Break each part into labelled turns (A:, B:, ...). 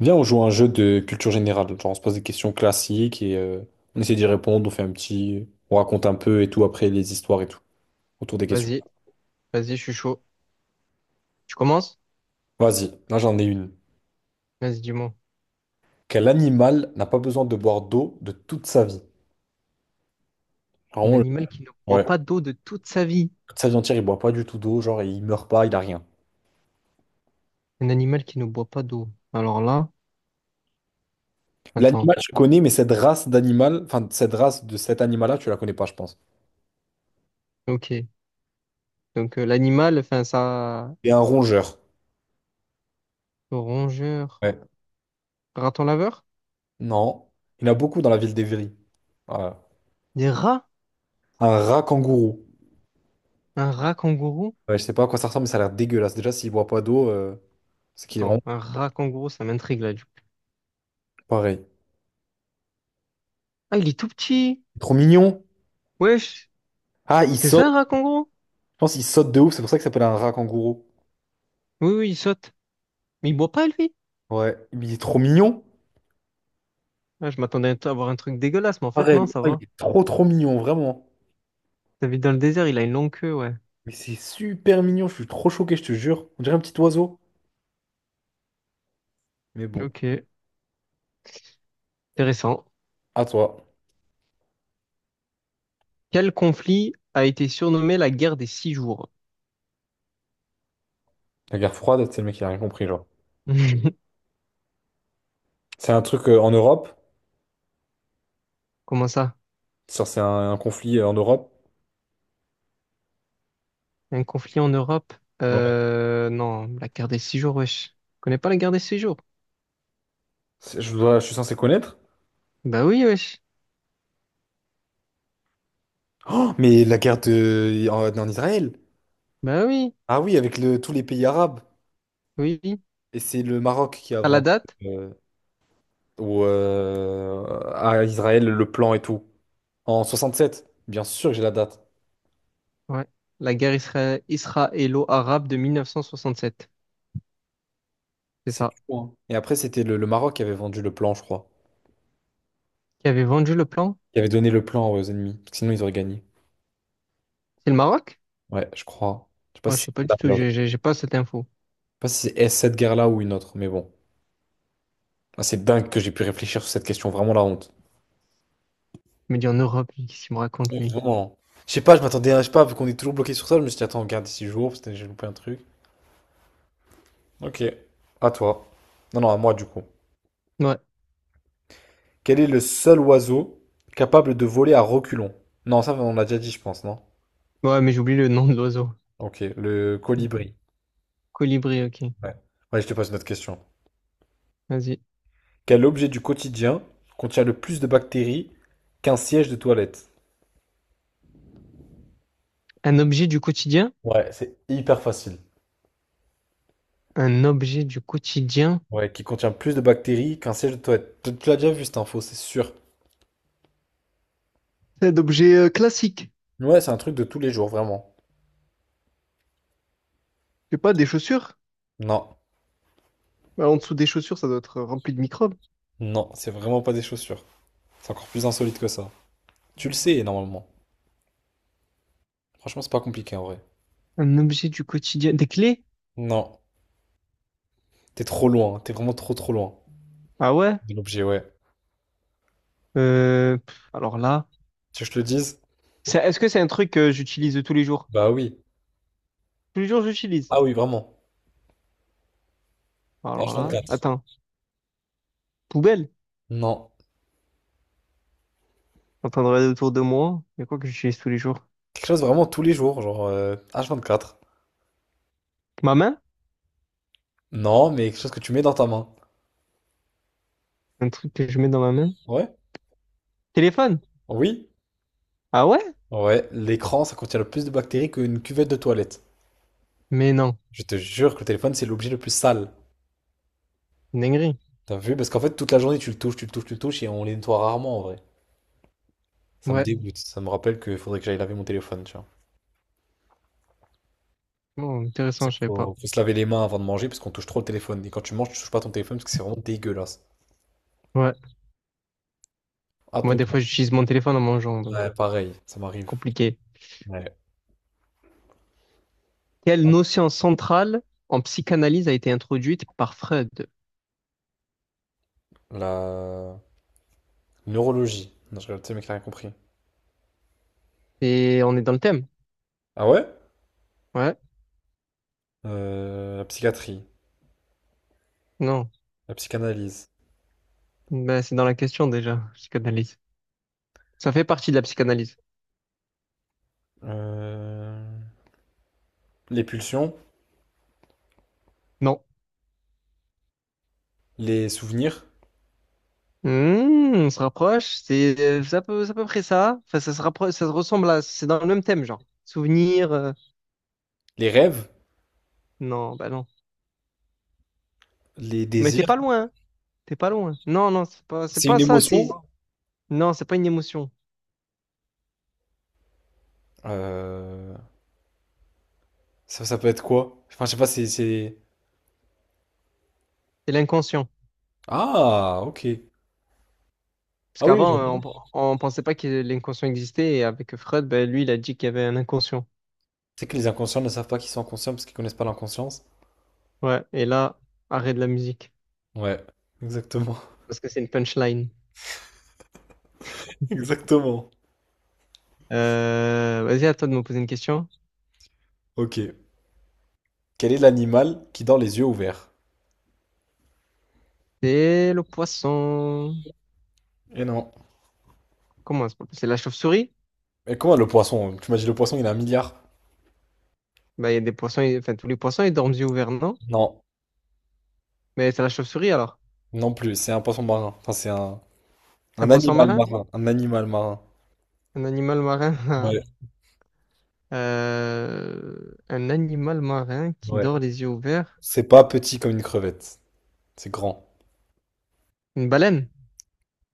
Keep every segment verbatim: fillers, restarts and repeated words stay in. A: Viens, on joue à un jeu de culture générale. Genre, on se pose des questions classiques et euh, on essaie d'y répondre. On fait un petit. On raconte un peu et tout après les histoires et tout autour des questions.
B: Vas-y, vas-y, je suis chaud. Tu commences?
A: Vas-y, là j'en ai une.
B: Vas-y, dis-moi.
A: Quel animal n'a pas besoin de boire d'eau de toute sa vie?
B: Un
A: Vraiment, le-
B: animal qui ne boit
A: ouais.
B: pas d'eau de toute sa vie.
A: Toute sa vie entière, il boit pas du tout d'eau. Genre, il meurt pas, il a rien.
B: Un animal qui ne boit pas d'eau. Alors là, attends.
A: L'animal, je connais, mais cette race d'animal, enfin, cette race de cet animal-là, tu la connais pas, je pense.
B: Ok. Donc euh, l'animal, enfin ça,
A: Et un rongeur.
B: le rongeur,
A: Ouais.
B: raton laveur?
A: Non. Il y en a beaucoup dans la ville d'Évry. Voilà.
B: Des rats?
A: Un rat kangourou.
B: Un rat kangourou?
A: Ouais, je sais pas à quoi ça ressemble, mais ça a l'air dégueulasse. Déjà, s'il boit pas d'eau, euh, c'est qu'il est vraiment
B: Attends, un rat kangourou, ça m'intrigue là du coup.
A: pareil.
B: Ah, il est tout petit.
A: Trop mignon.
B: Wesh,
A: Ah, il
B: c'est ça
A: saute.
B: un rat kangourou?
A: Je pense qu'il saute de ouf, c'est pour ça qu'il s'appelle un rat kangourou.
B: Oui, oui, il saute. Mais il boit pas lui.
A: Ouais, mais il est trop mignon.
B: Ah, je m'attendais à avoir un truc dégueulasse, mais en fait non,
A: Pareil.
B: ça
A: Ah, il
B: va.
A: est trop trop mignon, vraiment.
B: Ça vit dans le désert, il a une longue queue, ouais.
A: Mais c'est super mignon, je suis trop choqué, je te jure. On dirait un petit oiseau. Mais bon,
B: Ok, intéressant.
A: à toi.
B: Quel conflit a été surnommé la guerre des six jours?
A: La guerre froide, c'est le mec qui a rien compris, genre. C'est un truc euh, en Europe.
B: Comment ça?
A: Ça, c'est un, un conflit euh, en Europe.
B: Un conflit en Europe?
A: Ouais.
B: Euh, non, la guerre des six jours, wesh. Tu connais pas la guerre des six jours?
A: C'est- Je, dois- je suis censé connaître.
B: Bah oui, wesh.
A: Oh, mais la guerre de... en, en Israël.
B: Bah oui,
A: Ah oui, avec le- tous les pays arabes.
B: oui, oui.
A: Et c'est le Maroc qui a
B: T'as la
A: vendu
B: date?
A: euh, au, euh, à Israël le plan et tout. En soixante-sept. Bien sûr que j'ai la date.
B: Ouais. La guerre isra- israélo-arabe de mille neuf cent soixante-sept. C'est
A: C'est
B: ça.
A: fou, hein. Et après, c'était le, le Maroc qui avait vendu le plan, je crois.
B: Qui avait vendu le plan?
A: Qui avait donné le plan aux ennemis. Parce que sinon, ils auraient gagné.
B: C'est le Maroc?
A: Ouais, je crois. Je sais pas
B: Moi,
A: si
B: je sais pas
A: c'est là
B: du
A: ou
B: tout.
A: l'autre.
B: J'ai
A: Je
B: j'ai- j'ai pas cette info.
A: sais pas si c'est cette guerre-là ou une autre, mais bon. Ah, c'est dingue que j'ai pu réfléchir sur cette question. Vraiment la honte.
B: Il me dit en Europe, lui, qu'est-ce qu'il me raconte,
A: Ouais,
B: lui?
A: vraiment. Je sais pas, je m'attendais à, je sais pas, vu qu'on est toujours bloqué sur ça, je me suis dit, attends, on garde six jours, parce que j'ai loupé un truc. Ok. À toi. Non, non, à moi, du coup.
B: Ouais.
A: Quel est le seul oiseau capable de voler à reculons? Non, ça on l'a déjà dit, je pense, non?
B: Ouais, mais j'oublie le nom de l'oiseau.
A: Ok, le colibri.
B: Colibri, ok.
A: Ouais. Ouais, je te pose une autre question.
B: Vas-y.
A: Quel objet du quotidien contient le plus de bactéries qu'un siège de toilette?
B: Un objet du quotidien?
A: Ouais, c'est hyper facile.
B: Un objet du quotidien.
A: Ouais, qui contient plus de bactéries qu'un siège de toilette. Tu tu l'as déjà vu cette info, c'est sûr.
B: C'est d'objets euh, classiques.
A: Ouais, c'est un truc de tous les jours, vraiment.
B: Je sais pas, des chaussures.
A: Non,
B: Bah, en dessous des chaussures, ça doit être euh, rempli de microbes.
A: non, c'est vraiment pas des chaussures. C'est encore plus insolite que ça. Tu le sais, normalement. Franchement, c'est pas compliqué en vrai.
B: Un objet du quotidien. Des clés?
A: Non, t'es trop loin, t'es vraiment trop trop loin.
B: Ah ouais?
A: De l'objet, ouais.
B: Euh, pff, alors là.
A: Tu veux que je te le dise?
B: C'est- Est-ce que c'est un truc que j'utilise tous les jours?
A: Bah oui.
B: Tous les jours, j'utilise.
A: Ah oui, vraiment.
B: Alors là.
A: H vingt-quatre.
B: Attends. Poubelle? Je suis
A: Non.
B: en train de regarder autour de moi. Il y a quoi que j'utilise tous les jours?
A: Quelque chose vraiment tous les jours, genre euh, H vingt-quatre.
B: Ma main?
A: Non, mais quelque chose que tu mets dans ta main.
B: Un truc que je mets dans ma main?
A: Ouais?
B: Téléphone?
A: Oui?
B: Ah ouais?
A: Ouais. L'écran, ça contient le plus de bactéries qu'une cuvette de toilette.
B: Mais non.
A: Je te jure que le téléphone, c'est l'objet le plus sale.
B: Une dinguerie.
A: T'as vu? Parce qu'en fait, toute la journée, tu le touches, tu le touches, tu le touches, et on les nettoie rarement, en vrai. Ça me
B: Ouais.
A: dégoûte. Ça me rappelle qu'il faudrait que j'aille laver mon téléphone, tu vois.
B: Bon,
A: C'est pour ça
B: intéressant, je
A: qu'il
B: savais
A: faut,
B: pas.
A: faut se laver les mains avant de manger, parce qu'on touche trop le téléphone. Et quand tu manges, tu touches pas ton téléphone, parce que c'est vraiment dégueulasse.
B: Ouais.
A: À
B: Moi,
A: ton
B: des
A: tour.
B: fois, j'utilise mon téléphone en mangeant, donc
A: Ouais, pareil, ça m'arrive.
B: compliqué.
A: Ouais.
B: Quelle
A: Hop,
B: notion centrale en psychanalyse a été introduite par Freud?
A: la neurologie. Non, je rigole, tu sais, mec, t'as rien compris.
B: Et on est dans le thème.
A: Ah ouais?
B: Ouais.
A: Euh, la psychiatrie,
B: Non.
A: la psychanalyse,
B: Ben, c'est dans la question déjà, psychanalyse. Ça fait partie de la psychanalyse.
A: euh, les pulsions,
B: Non.
A: les souvenirs,
B: Hmm, on se rapproche. C'est euh, c'est à peu, c'est à peu près ça. Enfin, ça se rapproche, ça se ressemble à. C'est dans le même thème, genre. Souvenir. Euh,
A: les rêves,
B: Non, bah non.
A: les
B: Mais t'es
A: désirs.
B: pas loin, hein. T'es pas loin. Non, non, c'est pas, c'est
A: C'est
B: pas
A: une
B: ça.
A: émotion?
B: C'est non, c'est pas une émotion.
A: Euh, ça, ça peut être quoi? Enfin, je sais pas, c'est... c'est-
B: C'est l'inconscient.
A: Ah, ok.
B: Parce
A: Ah oui, je
B: qu'avant, euh,
A: vois.
B: on, on pensait pas que l'inconscient existait. Et avec Freud, ben, lui, il a dit qu'il y avait un inconscient.
A: C'est que les inconscients ne savent pas qu'ils sont inconscients parce qu'ils connaissent pas l'inconscience.
B: Ouais, et là, arrêt de la musique,
A: Ouais, exactement.
B: parce que c'est une punchline.
A: Exactement.
B: Euh, vas-y, à toi de me poser une question.
A: Ok. Quel est l'animal qui dort les yeux ouverts?
B: C'est le poisson.
A: Et non.
B: Comment c'est pas- C'est la chauve-souris?
A: Mais comment le poisson? Tu m'as dit le poisson, il a un milliard?
B: Bah, il y a des poissons, ils- enfin, tous les poissons, ils dorment yeux ouverts, non?
A: Non,
B: Mais c'est la chauve-souris alors.
A: non plus, c'est un poisson marin. Enfin, c'est un,
B: C'est un
A: un
B: poisson
A: animal
B: marin?
A: marin. Un animal marin.
B: Un animal marin?
A: Ouais,
B: Euh, un animal marin qui
A: ouais.
B: dort les yeux ouverts?
A: C'est pas petit comme une crevette. C'est grand.
B: Une baleine?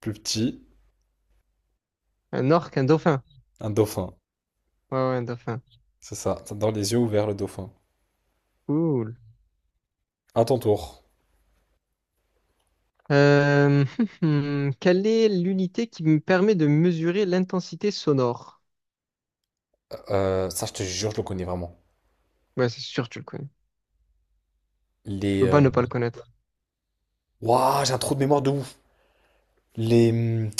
A: Plus petit,
B: Un orque? Un dauphin?
A: un dauphin.
B: Ouais, ouais, un dauphin.
A: C'est ça. T'as dans les yeux ouverts, le dauphin.
B: Cool.
A: À ton tour.
B: Euh, Quelle est l'unité qui me permet de mesurer l'intensité sonore?
A: Euh, ça, je te jure, je le connais vraiment.
B: Ouais, c'est sûr, tu le connais. Tu
A: Les.
B: peux
A: Euh,
B: pas ne pas le connaître.
A: Ouah, j'ai un trou de mémoire de ouf. Les. Hum,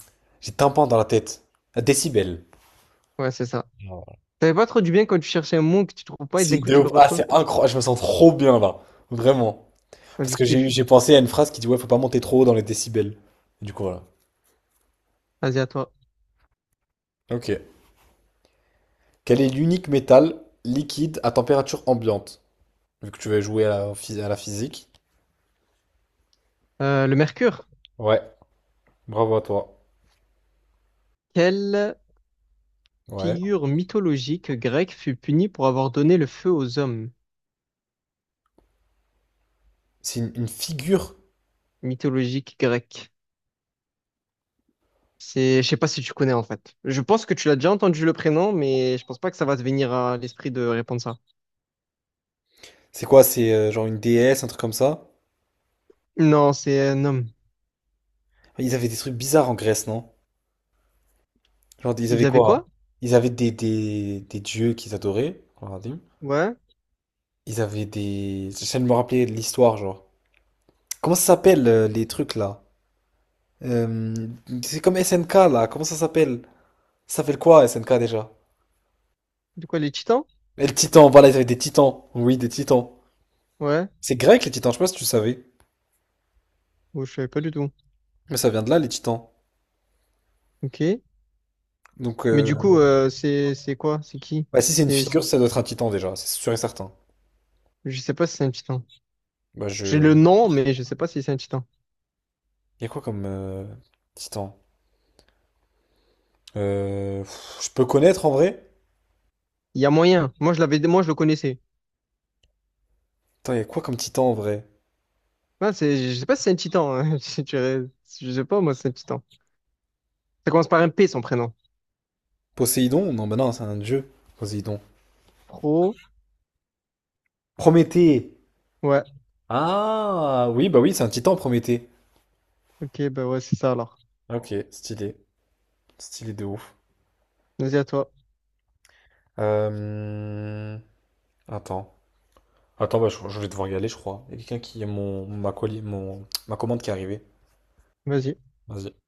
A: J'ai tympan dans la tête. La décibel.
B: Ouais, c'est ça.
A: Non.
B: T'avais pas trop du bien quand tu cherchais un mot que tu trouves pas et d'un
A: Si,
B: coup
A: de
B: tu le
A: ouf. Ah,
B: retrouves.
A: c'est incroyable. Je me sens trop bien là. Vraiment.
B: Moi, je
A: Parce que j'ai
B: kiffe.
A: j'ai pensé à une phrase qui dit ouais, faut pas monter trop haut dans les décibels. Du coup, voilà.
B: Vas-y, à toi.
A: Ok. Quel est l'unique métal liquide à température ambiante? Vu que tu vas jouer à la, phys- à la physique.
B: Euh, le mercure.
A: Ouais, bravo à toi.
B: Quelle
A: Ouais.
B: figure mythologique grecque fut punie pour avoir donné le feu aux hommes?
A: C'est une, une figure.
B: Mythologique grecque. C'est, je sais pas si tu connais en fait. Je pense que tu l'as déjà entendu le prénom, mais je pense pas que ça va te venir à l'esprit de répondre ça.
A: C'est quoi? C'est euh, genre une déesse, un truc comme ça?
B: Non, c'est un homme.
A: Ils avaient des trucs bizarres en Grèce, non? Genre, ils
B: Ils
A: avaient
B: avaient
A: quoi?
B: quoi?
A: Ils avaient des, des, des dieux qu'ils adoraient. Regardez.
B: Ouais.
A: Ils avaient des. J'essaie de me rappeler de l'histoire, genre. Comment ça s'appelle euh, les trucs là? Euh, c'est comme S N K là, comment ça s'appelle? Ça s'appelle quoi S N K déjà?
B: De quoi, les titans?
A: Et le Titan, voilà, ils avaient des Titans. Oui, des Titans.
B: Ouais.
A: C'est grec les Titans, je sais pas si tu savais.
B: Oh, je savais pas du tout.
A: Mais ça vient de là les Titans.
B: Ok.
A: Donc,
B: Mais
A: euh,
B: du coup, euh, c'est c'est quoi? C'est qui?
A: bah, si c'est une
B: C'est,
A: figure, ça doit être un Titan déjà, c'est sûr et certain.
B: je sais pas si c'est un titan.
A: Bah, je.
B: J'ai le nom, mais je sais pas si c'est un titan.
A: Y a quoi comme euh, Titan? Euh, pff, je peux connaître en vrai?
B: Il y a moyen. Moi, je l'avais, moi, je le connaissais.
A: Attends, y a quoi comme Titan en vrai?
B: Ah, c'est, je sais pas si c'est un titan, hein. Si tu- Je sais pas, moi, c'est un titan. Ça commence par un P, son prénom.
A: Poséidon? Non, bah non, c'est un dieu, Poséidon.
B: Pro.
A: Prométhée!
B: Ouais.
A: Ah, oui, bah oui, c'est un Titan, Prométhée.
B: Ok, bah ouais, c'est ça alors.
A: Ok, stylé. Stylé de ouf.
B: Vas-y à toi.
A: Euh, Attends. Attends, bah, je, je vais devoir y aller, je crois. Il y a quelqu'un qui a Mon, ma, colis, mon, ma commande qui est arrivée.
B: Vas-y.
A: Vas-y.